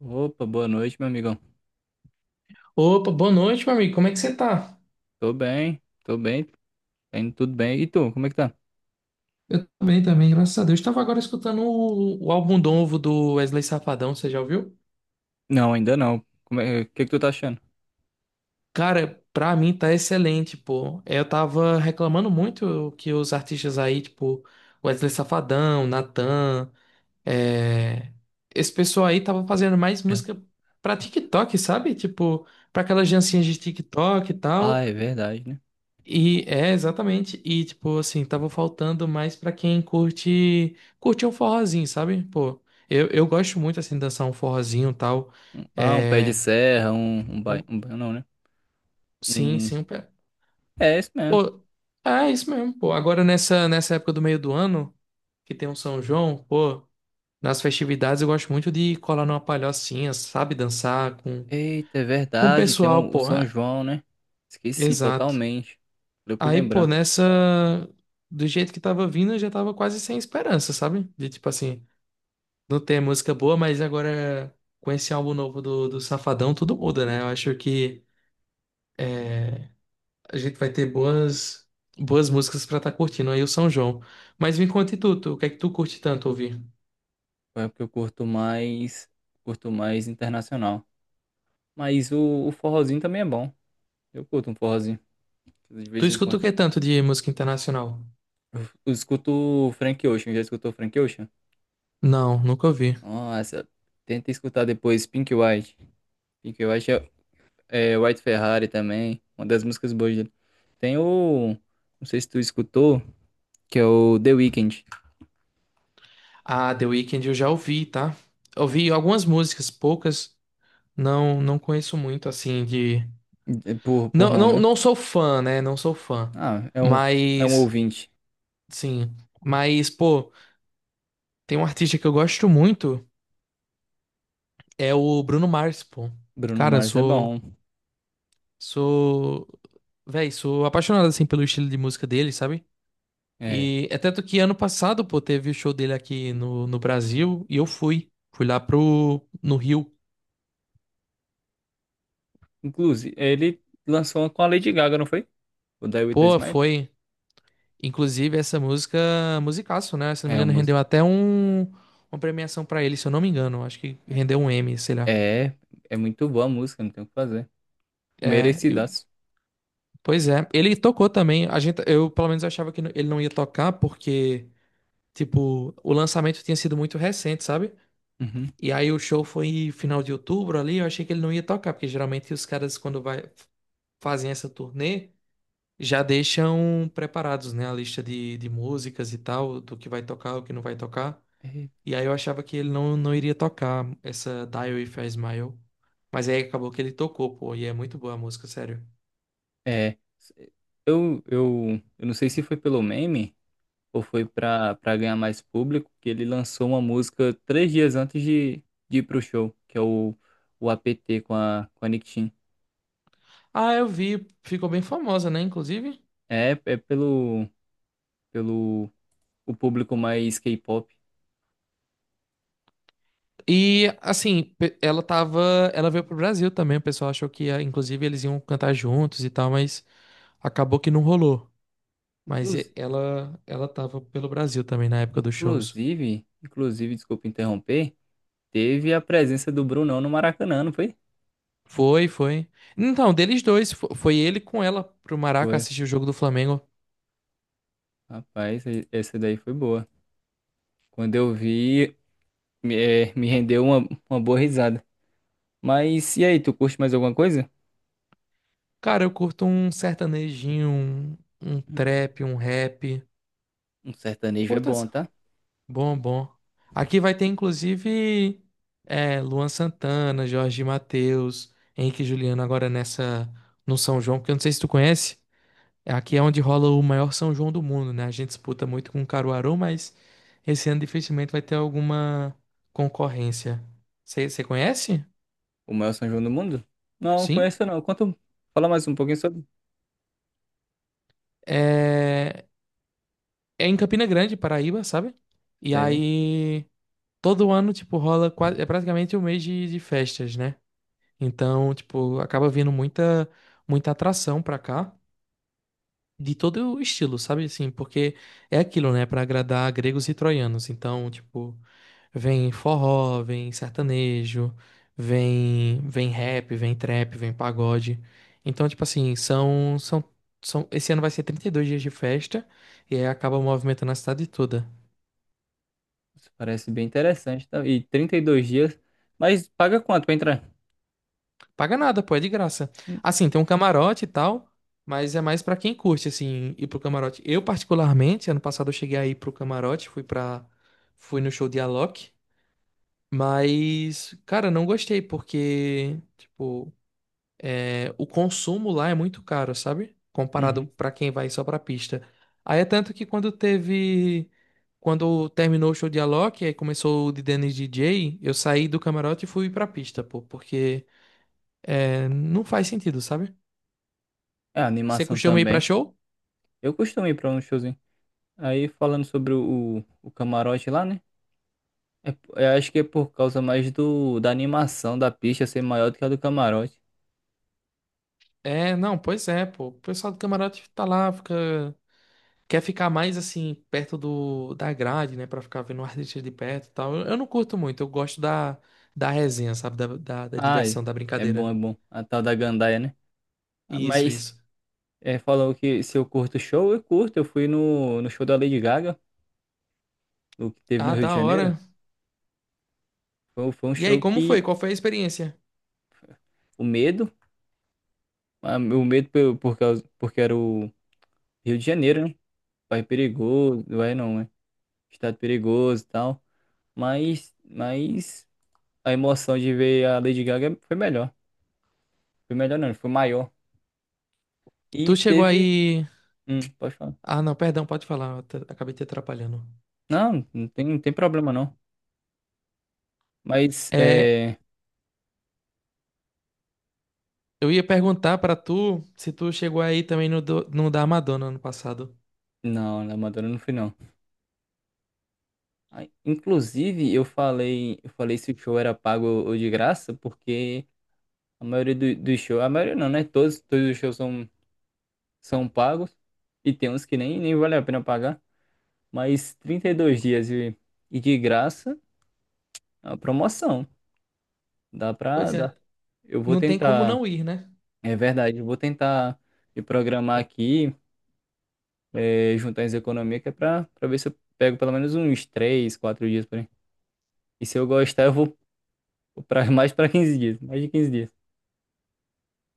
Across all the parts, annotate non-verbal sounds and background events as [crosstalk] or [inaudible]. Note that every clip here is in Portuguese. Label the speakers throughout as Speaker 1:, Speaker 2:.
Speaker 1: Opa, boa noite, meu amigão.
Speaker 2: Opa, boa noite, meu amigo. Como é que você tá?
Speaker 1: Tô bem, tá indo tudo bem. E tu, como é que tá?
Speaker 2: Eu tô bem também, graças a Deus. Estava agora escutando o álbum novo do Wesley Safadão, você já ouviu?
Speaker 1: Não, ainda não. Como é, o que que tu tá achando?
Speaker 2: Cara, pra mim tá excelente, pô. Eu tava reclamando muito que os artistas aí, tipo, Wesley Safadão, Natan, é... esse pessoal aí tava fazendo mais
Speaker 1: É.
Speaker 2: música pra TikTok, sabe? Tipo, pra aquelas dancinhas de TikTok e
Speaker 1: Ah,
Speaker 2: tal.
Speaker 1: é verdade, né?
Speaker 2: E é exatamente, e tipo assim, tava faltando mais pra quem curte um forrozinho, sabe? Pô, eu gosto muito assim de dançar um forrozinho e tal.
Speaker 1: Um pé de
Speaker 2: É,
Speaker 1: serra, um bairro,
Speaker 2: um-
Speaker 1: um bairro não, né?
Speaker 2: sim,
Speaker 1: Um...
Speaker 2: sim, um pé.
Speaker 1: É, isso mesmo.
Speaker 2: Pô, é isso mesmo, pô. Agora nessa época do meio do ano, que tem um São João, pô, nas festividades eu gosto muito de colar numa palhocinha, sabe, dançar
Speaker 1: Eita, é
Speaker 2: com o
Speaker 1: verdade, tem
Speaker 2: pessoal,
Speaker 1: o
Speaker 2: pô.
Speaker 1: São
Speaker 2: É,
Speaker 1: João, né? Esqueci
Speaker 2: exato.
Speaker 1: totalmente. Deu pra
Speaker 2: Aí, pô,
Speaker 1: lembrar.
Speaker 2: nessa do jeito que tava vindo, eu já tava quase sem esperança, sabe? De tipo assim, não tem música boa, mas agora com esse álbum novo do Safadão, tudo muda, né? Eu acho que é, a gente vai ter boas músicas pra estar curtindo aí o São João. Mas me conta e tu, o que é que tu curte tanto ouvir?
Speaker 1: É porque eu curto mais internacional. Mas o forrozinho também é bom. Eu curto um forrozinho, de
Speaker 2: Tu
Speaker 1: vez em quando.
Speaker 2: escuta o que tanto de música internacional?
Speaker 1: Eu escuto Frank Ocean, já escutou Frank Ocean?
Speaker 2: Não, nunca ouvi.
Speaker 1: Nossa, tenta escutar depois Pink White. Pink White é White Ferrari também, uma das músicas boas dele. Tem o, não sei se tu escutou, que é o The Weeknd,
Speaker 2: Ah, The Weeknd eu já ouvi, tá? Ouvi algumas músicas, poucas. Não, não conheço muito, assim, de...
Speaker 1: por
Speaker 2: Não,
Speaker 1: nome,
Speaker 2: não,
Speaker 1: né?
Speaker 2: não sou fã, né? Não sou fã.
Speaker 1: Ah, é um
Speaker 2: Mas,
Speaker 1: ouvinte.
Speaker 2: sim. Mas, pô... Tem um artista que eu gosto muito, é o Bruno Mars, pô.
Speaker 1: Bruno
Speaker 2: Cara, eu
Speaker 1: Mars é
Speaker 2: sou,
Speaker 1: bom.
Speaker 2: sou, véi, sou apaixonado assim pelo estilo de música dele, sabe?
Speaker 1: É,
Speaker 2: E é tanto que ano passado, pô, teve o show dele aqui no Brasil e eu fui, fui lá pro no Rio.
Speaker 1: inclusive, ele lançou uma com a Lady Gaga, não foi? O Die With a
Speaker 2: Pô,
Speaker 1: Smile?
Speaker 2: foi, inclusive essa música, musicaço, né? Se não me
Speaker 1: É, uma
Speaker 2: engano,
Speaker 1: música.
Speaker 2: rendeu até uma premiação pra ele, se eu não me engano, acho que rendeu um M, sei lá.
Speaker 1: É, é muito boa a música, não tem o que fazer.
Speaker 2: É, eu-
Speaker 1: Merecidaço.
Speaker 2: pois é, ele tocou também. A gente, eu pelo menos achava que ele não ia tocar porque tipo, o lançamento tinha sido muito recente, sabe?
Speaker 1: Uhum.
Speaker 2: E aí o show foi final de outubro ali, eu achei que ele não ia tocar, porque geralmente os caras, quando vai, fazem essa turnê, já deixam preparados, né? A lista de músicas e tal, do que vai tocar, o que não vai tocar.
Speaker 1: É,
Speaker 2: E aí eu achava que ele não iria tocar essa Dial If I Smile. Mas aí acabou que ele tocou, pô, e é muito boa a música, sério.
Speaker 1: é, eu não sei se foi pelo meme, ou foi pra para ganhar mais público, que ele lançou uma música 3 dias antes de ir pro show, que é o APT com a Nick Chin.
Speaker 2: Ah, eu vi, ficou bem famosa, né, inclusive?
Speaker 1: É, pelo o público mais K-pop.
Speaker 2: E assim, ela veio pro Brasil também, o pessoal achou que ia, inclusive eles iam cantar juntos e tal, mas acabou que não rolou. Mas
Speaker 1: Inclus-
Speaker 2: ela tava pelo Brasil também na época dos shows.
Speaker 1: inclusive, desculpa interromper, teve a presença do Brunão no Maracanã, não foi?
Speaker 2: Foi, foi. Então, deles dois, foi ele com ela pro Maraca
Speaker 1: Foi.
Speaker 2: assistir o jogo do Flamengo.
Speaker 1: Rapaz, essa daí foi boa. Quando eu vi, me rendeu uma boa risada. Mas e aí, tu curte mais alguma coisa?
Speaker 2: Cara, eu curto um sertanejinho, um trap, um rap.
Speaker 1: Um sertanejo é
Speaker 2: Curto
Speaker 1: bom, tá?
Speaker 2: bom, bom. Aqui vai ter, inclusive, é, Luan Santana, Jorge Mateus, Henrique e Juliano agora nessa no São João, porque eu não sei se tu conhece, aqui é onde rola o maior São João do mundo, né? A gente disputa muito com Caruaru, mas esse ano dificilmente vai ter alguma concorrência. Você conhece?
Speaker 1: O maior São João do mundo? Não,
Speaker 2: Sim.
Speaker 1: conheço não. Quanto... Fala mais um pouquinho sobre.
Speaker 2: É, é em Campina Grande, Paraíba, sabe? E
Speaker 1: É,
Speaker 2: aí todo ano, tipo, rola quase... é praticamente um mês de festas, né? Então, tipo, acaba vindo muita atração pra cá, de todo o estilo, sabe? Assim, porque é aquilo, né? Pra agradar gregos e troianos. Então, tipo, vem forró, vem sertanejo, vem rap, vem trap, vem pagode. Então, tipo assim, são, esse ano vai ser 32 dias de festa e aí acaba movimentando a cidade toda.
Speaker 1: isso parece bem interessante. Tá? E 32 dias. Mas paga quanto pra entrar?
Speaker 2: Paga nada, pô, é de graça.
Speaker 1: Hum.
Speaker 2: Assim, tem um camarote e tal, mas é mais pra quem curte, assim, ir pro camarote. Eu, particularmente, ano passado eu cheguei aí pro camarote, fui pra. Fui no show de Alok, mas, cara, não gostei, porque, tipo, é, o consumo lá é muito caro, sabe? Comparado
Speaker 1: Uhum.
Speaker 2: pra quem vai só pra pista. Aí é tanto que quando teve. Quando terminou o show de Alok, aí começou o de Dennis DJ, eu saí do camarote e fui pra pista, pô, porque. É, não faz sentido, sabe?
Speaker 1: É,
Speaker 2: Você
Speaker 1: animação
Speaker 2: costuma ir pra
Speaker 1: também.
Speaker 2: show?
Speaker 1: Eu costumo ir pra um showzinho. Aí falando sobre o camarote lá, né? É, eu acho que é por causa mais do da animação da pista ser maior do que a do camarote.
Speaker 2: É, não, pois é, pô. O pessoal do camarote tá lá, fica... Quer ficar mais, assim, perto da grade, né? Pra ficar vendo o artista de perto e tal. Eu não curto muito, eu gosto da, da resenha, sabe? Da
Speaker 1: Ah, é
Speaker 2: diversão, da
Speaker 1: é bom,
Speaker 2: brincadeira.
Speaker 1: é bom. A tal da gandaia, né? Ah,
Speaker 2: Isso,
Speaker 1: mas
Speaker 2: isso.
Speaker 1: é, falou que se eu curto show, eu curto. Eu fui no show da Lady Gaga, o que teve no
Speaker 2: Ah,
Speaker 1: Rio de
Speaker 2: da
Speaker 1: Janeiro.
Speaker 2: hora.
Speaker 1: Foi um
Speaker 2: E aí,
Speaker 1: show
Speaker 2: como
Speaker 1: que
Speaker 2: foi? Qual foi a experiência?
Speaker 1: o medo, o medo por causa, porque era o Rio de Janeiro, né? Bairro perigoso, vai não, né? Estado perigoso e tal. Mas a emoção de ver a Lady Gaga foi melhor. Foi melhor não, foi maior. E
Speaker 2: Tu chegou
Speaker 1: teve.
Speaker 2: aí.
Speaker 1: Pode falar.
Speaker 2: Ah, não, perdão, pode falar. Acabei te atrapalhando.
Speaker 1: Não, não tem problema não. Mas
Speaker 2: É,
Speaker 1: é.
Speaker 2: eu ia perguntar pra tu se tu chegou aí também no da Madonna ano passado.
Speaker 1: Não, na Madonna não fui não. Ah, inclusive, eu falei se o show era pago ou de graça, porque a maioria dos shows, a maioria não, né? Todos os shows são pagos e tem uns que nem vale a pena pagar, mas 32 dias e de graça, é uma promoção. Dá pra
Speaker 2: Pois
Speaker 1: dar.
Speaker 2: é,
Speaker 1: Eu vou
Speaker 2: não tem como
Speaker 1: tentar,
Speaker 2: não ir, né?
Speaker 1: é verdade, eu vou tentar me programar aqui, é, juntar as economias, que é pra ver se eu pego pelo menos uns 3, 4 dias por aí. E se eu gostar, eu vou pra, [laughs] mais pra 15 dias, mais de 15 dias.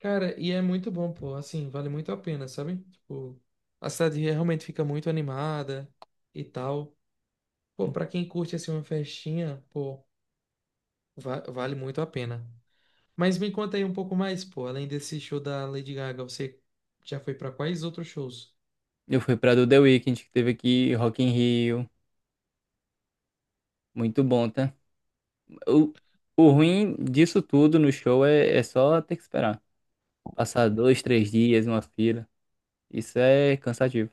Speaker 2: Cara, e é muito bom, pô. Assim, vale muito a pena, sabe? Tipo, a cidade realmente fica muito animada e tal. Pô, pra quem curte assim uma festinha, pô, vale muito a pena. Mas me conta aí um pouco mais, pô. Além desse show da Lady Gaga, você já foi pra quais outros shows?
Speaker 1: Eu fui pra do The Weeknd, que teve aqui Rock in Rio, muito bom, tá? O, o ruim disso tudo no show é só ter que esperar. Passar 2, 3 dias numa fila. Isso é cansativo.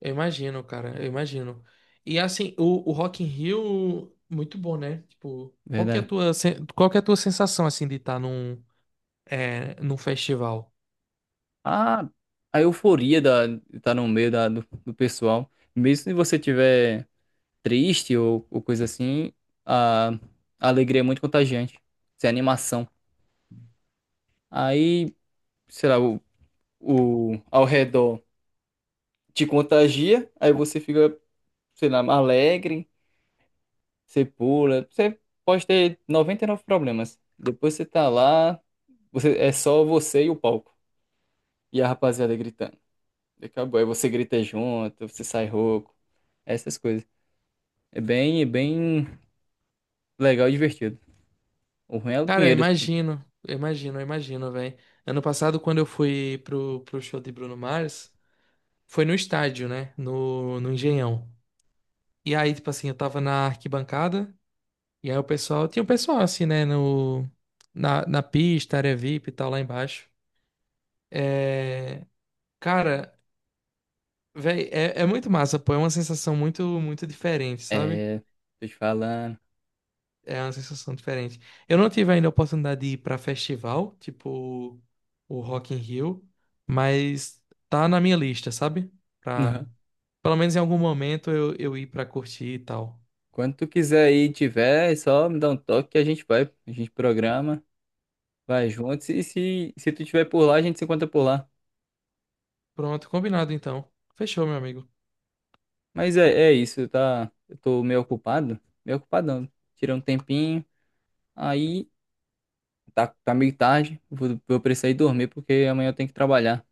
Speaker 2: Eu imagino, cara, eu imagino. E assim, o Rock in Rio, muito bom, né? Tipo, qual que é
Speaker 1: Verdade.
Speaker 2: a qual que é a tua sensação, assim, de estar num, é, num festival?
Speaker 1: A, a euforia da, de tá no meio da, do pessoal. Mesmo se você tiver triste ou coisa assim, a alegria é muito contagiante. Isso é animação. Aí, sei lá, ao redor te contagia, aí você fica, sei lá, alegre, você pula. Você pode ter 99 problemas. Depois você tá lá, você, é só você e o palco. E a rapaziada gritando. E acabou. Aí você grita junto, você sai rouco, essas coisas. É bem legal e divertido. O ruim é o
Speaker 2: Cara, eu
Speaker 1: dinheiro.
Speaker 2: imagino, eu imagino, eu imagino, velho. Ano passado, quando eu fui pro show de Bruno Mars, foi no estádio, né? No, no Engenhão. E aí, tipo assim, eu tava na arquibancada, e aí tinha o pessoal assim, né, no, na, na pista, área VIP e tal, lá embaixo. É, cara, velho, é, é muito massa, pô, é uma sensação muito, muito diferente, sabe?
Speaker 1: É, tô te falando.
Speaker 2: É uma sensação diferente. Eu não tive ainda a oportunidade de ir pra festival, tipo o Rock in Rio, mas tá na minha lista, sabe? Pra,
Speaker 1: Não.
Speaker 2: pelo menos em algum momento eu ir pra curtir e tal.
Speaker 1: Quando tu quiser ir e tiver, é só me dá um toque que a gente vai. A gente programa, vai junto. E se tu tiver por lá, a gente se encontra por lá.
Speaker 2: Pronto, combinado então. Fechou, meu amigo.
Speaker 1: Mas é isso, tá? Eu tô meio ocupado. Meio ocupadão. Tirei um tempinho. Aí tá meio tarde. Vou precisar ir dormir porque amanhã eu tenho que trabalhar.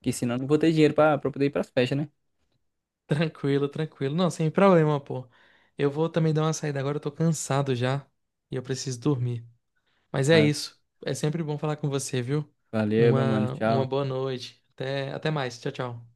Speaker 1: Que senão eu não vou ter dinheiro pra poder ir pras festas, né?
Speaker 2: Tranquilo, tranquilo. Não, sem problema, pô. Eu vou também dar uma saída agora, eu tô cansado já e eu preciso dormir. Mas é
Speaker 1: Va-
Speaker 2: isso. É sempre bom falar com você, viu?
Speaker 1: Valeu, meu mano.
Speaker 2: Uma
Speaker 1: Tchau.
Speaker 2: boa noite. Até mais. Tchau, tchau.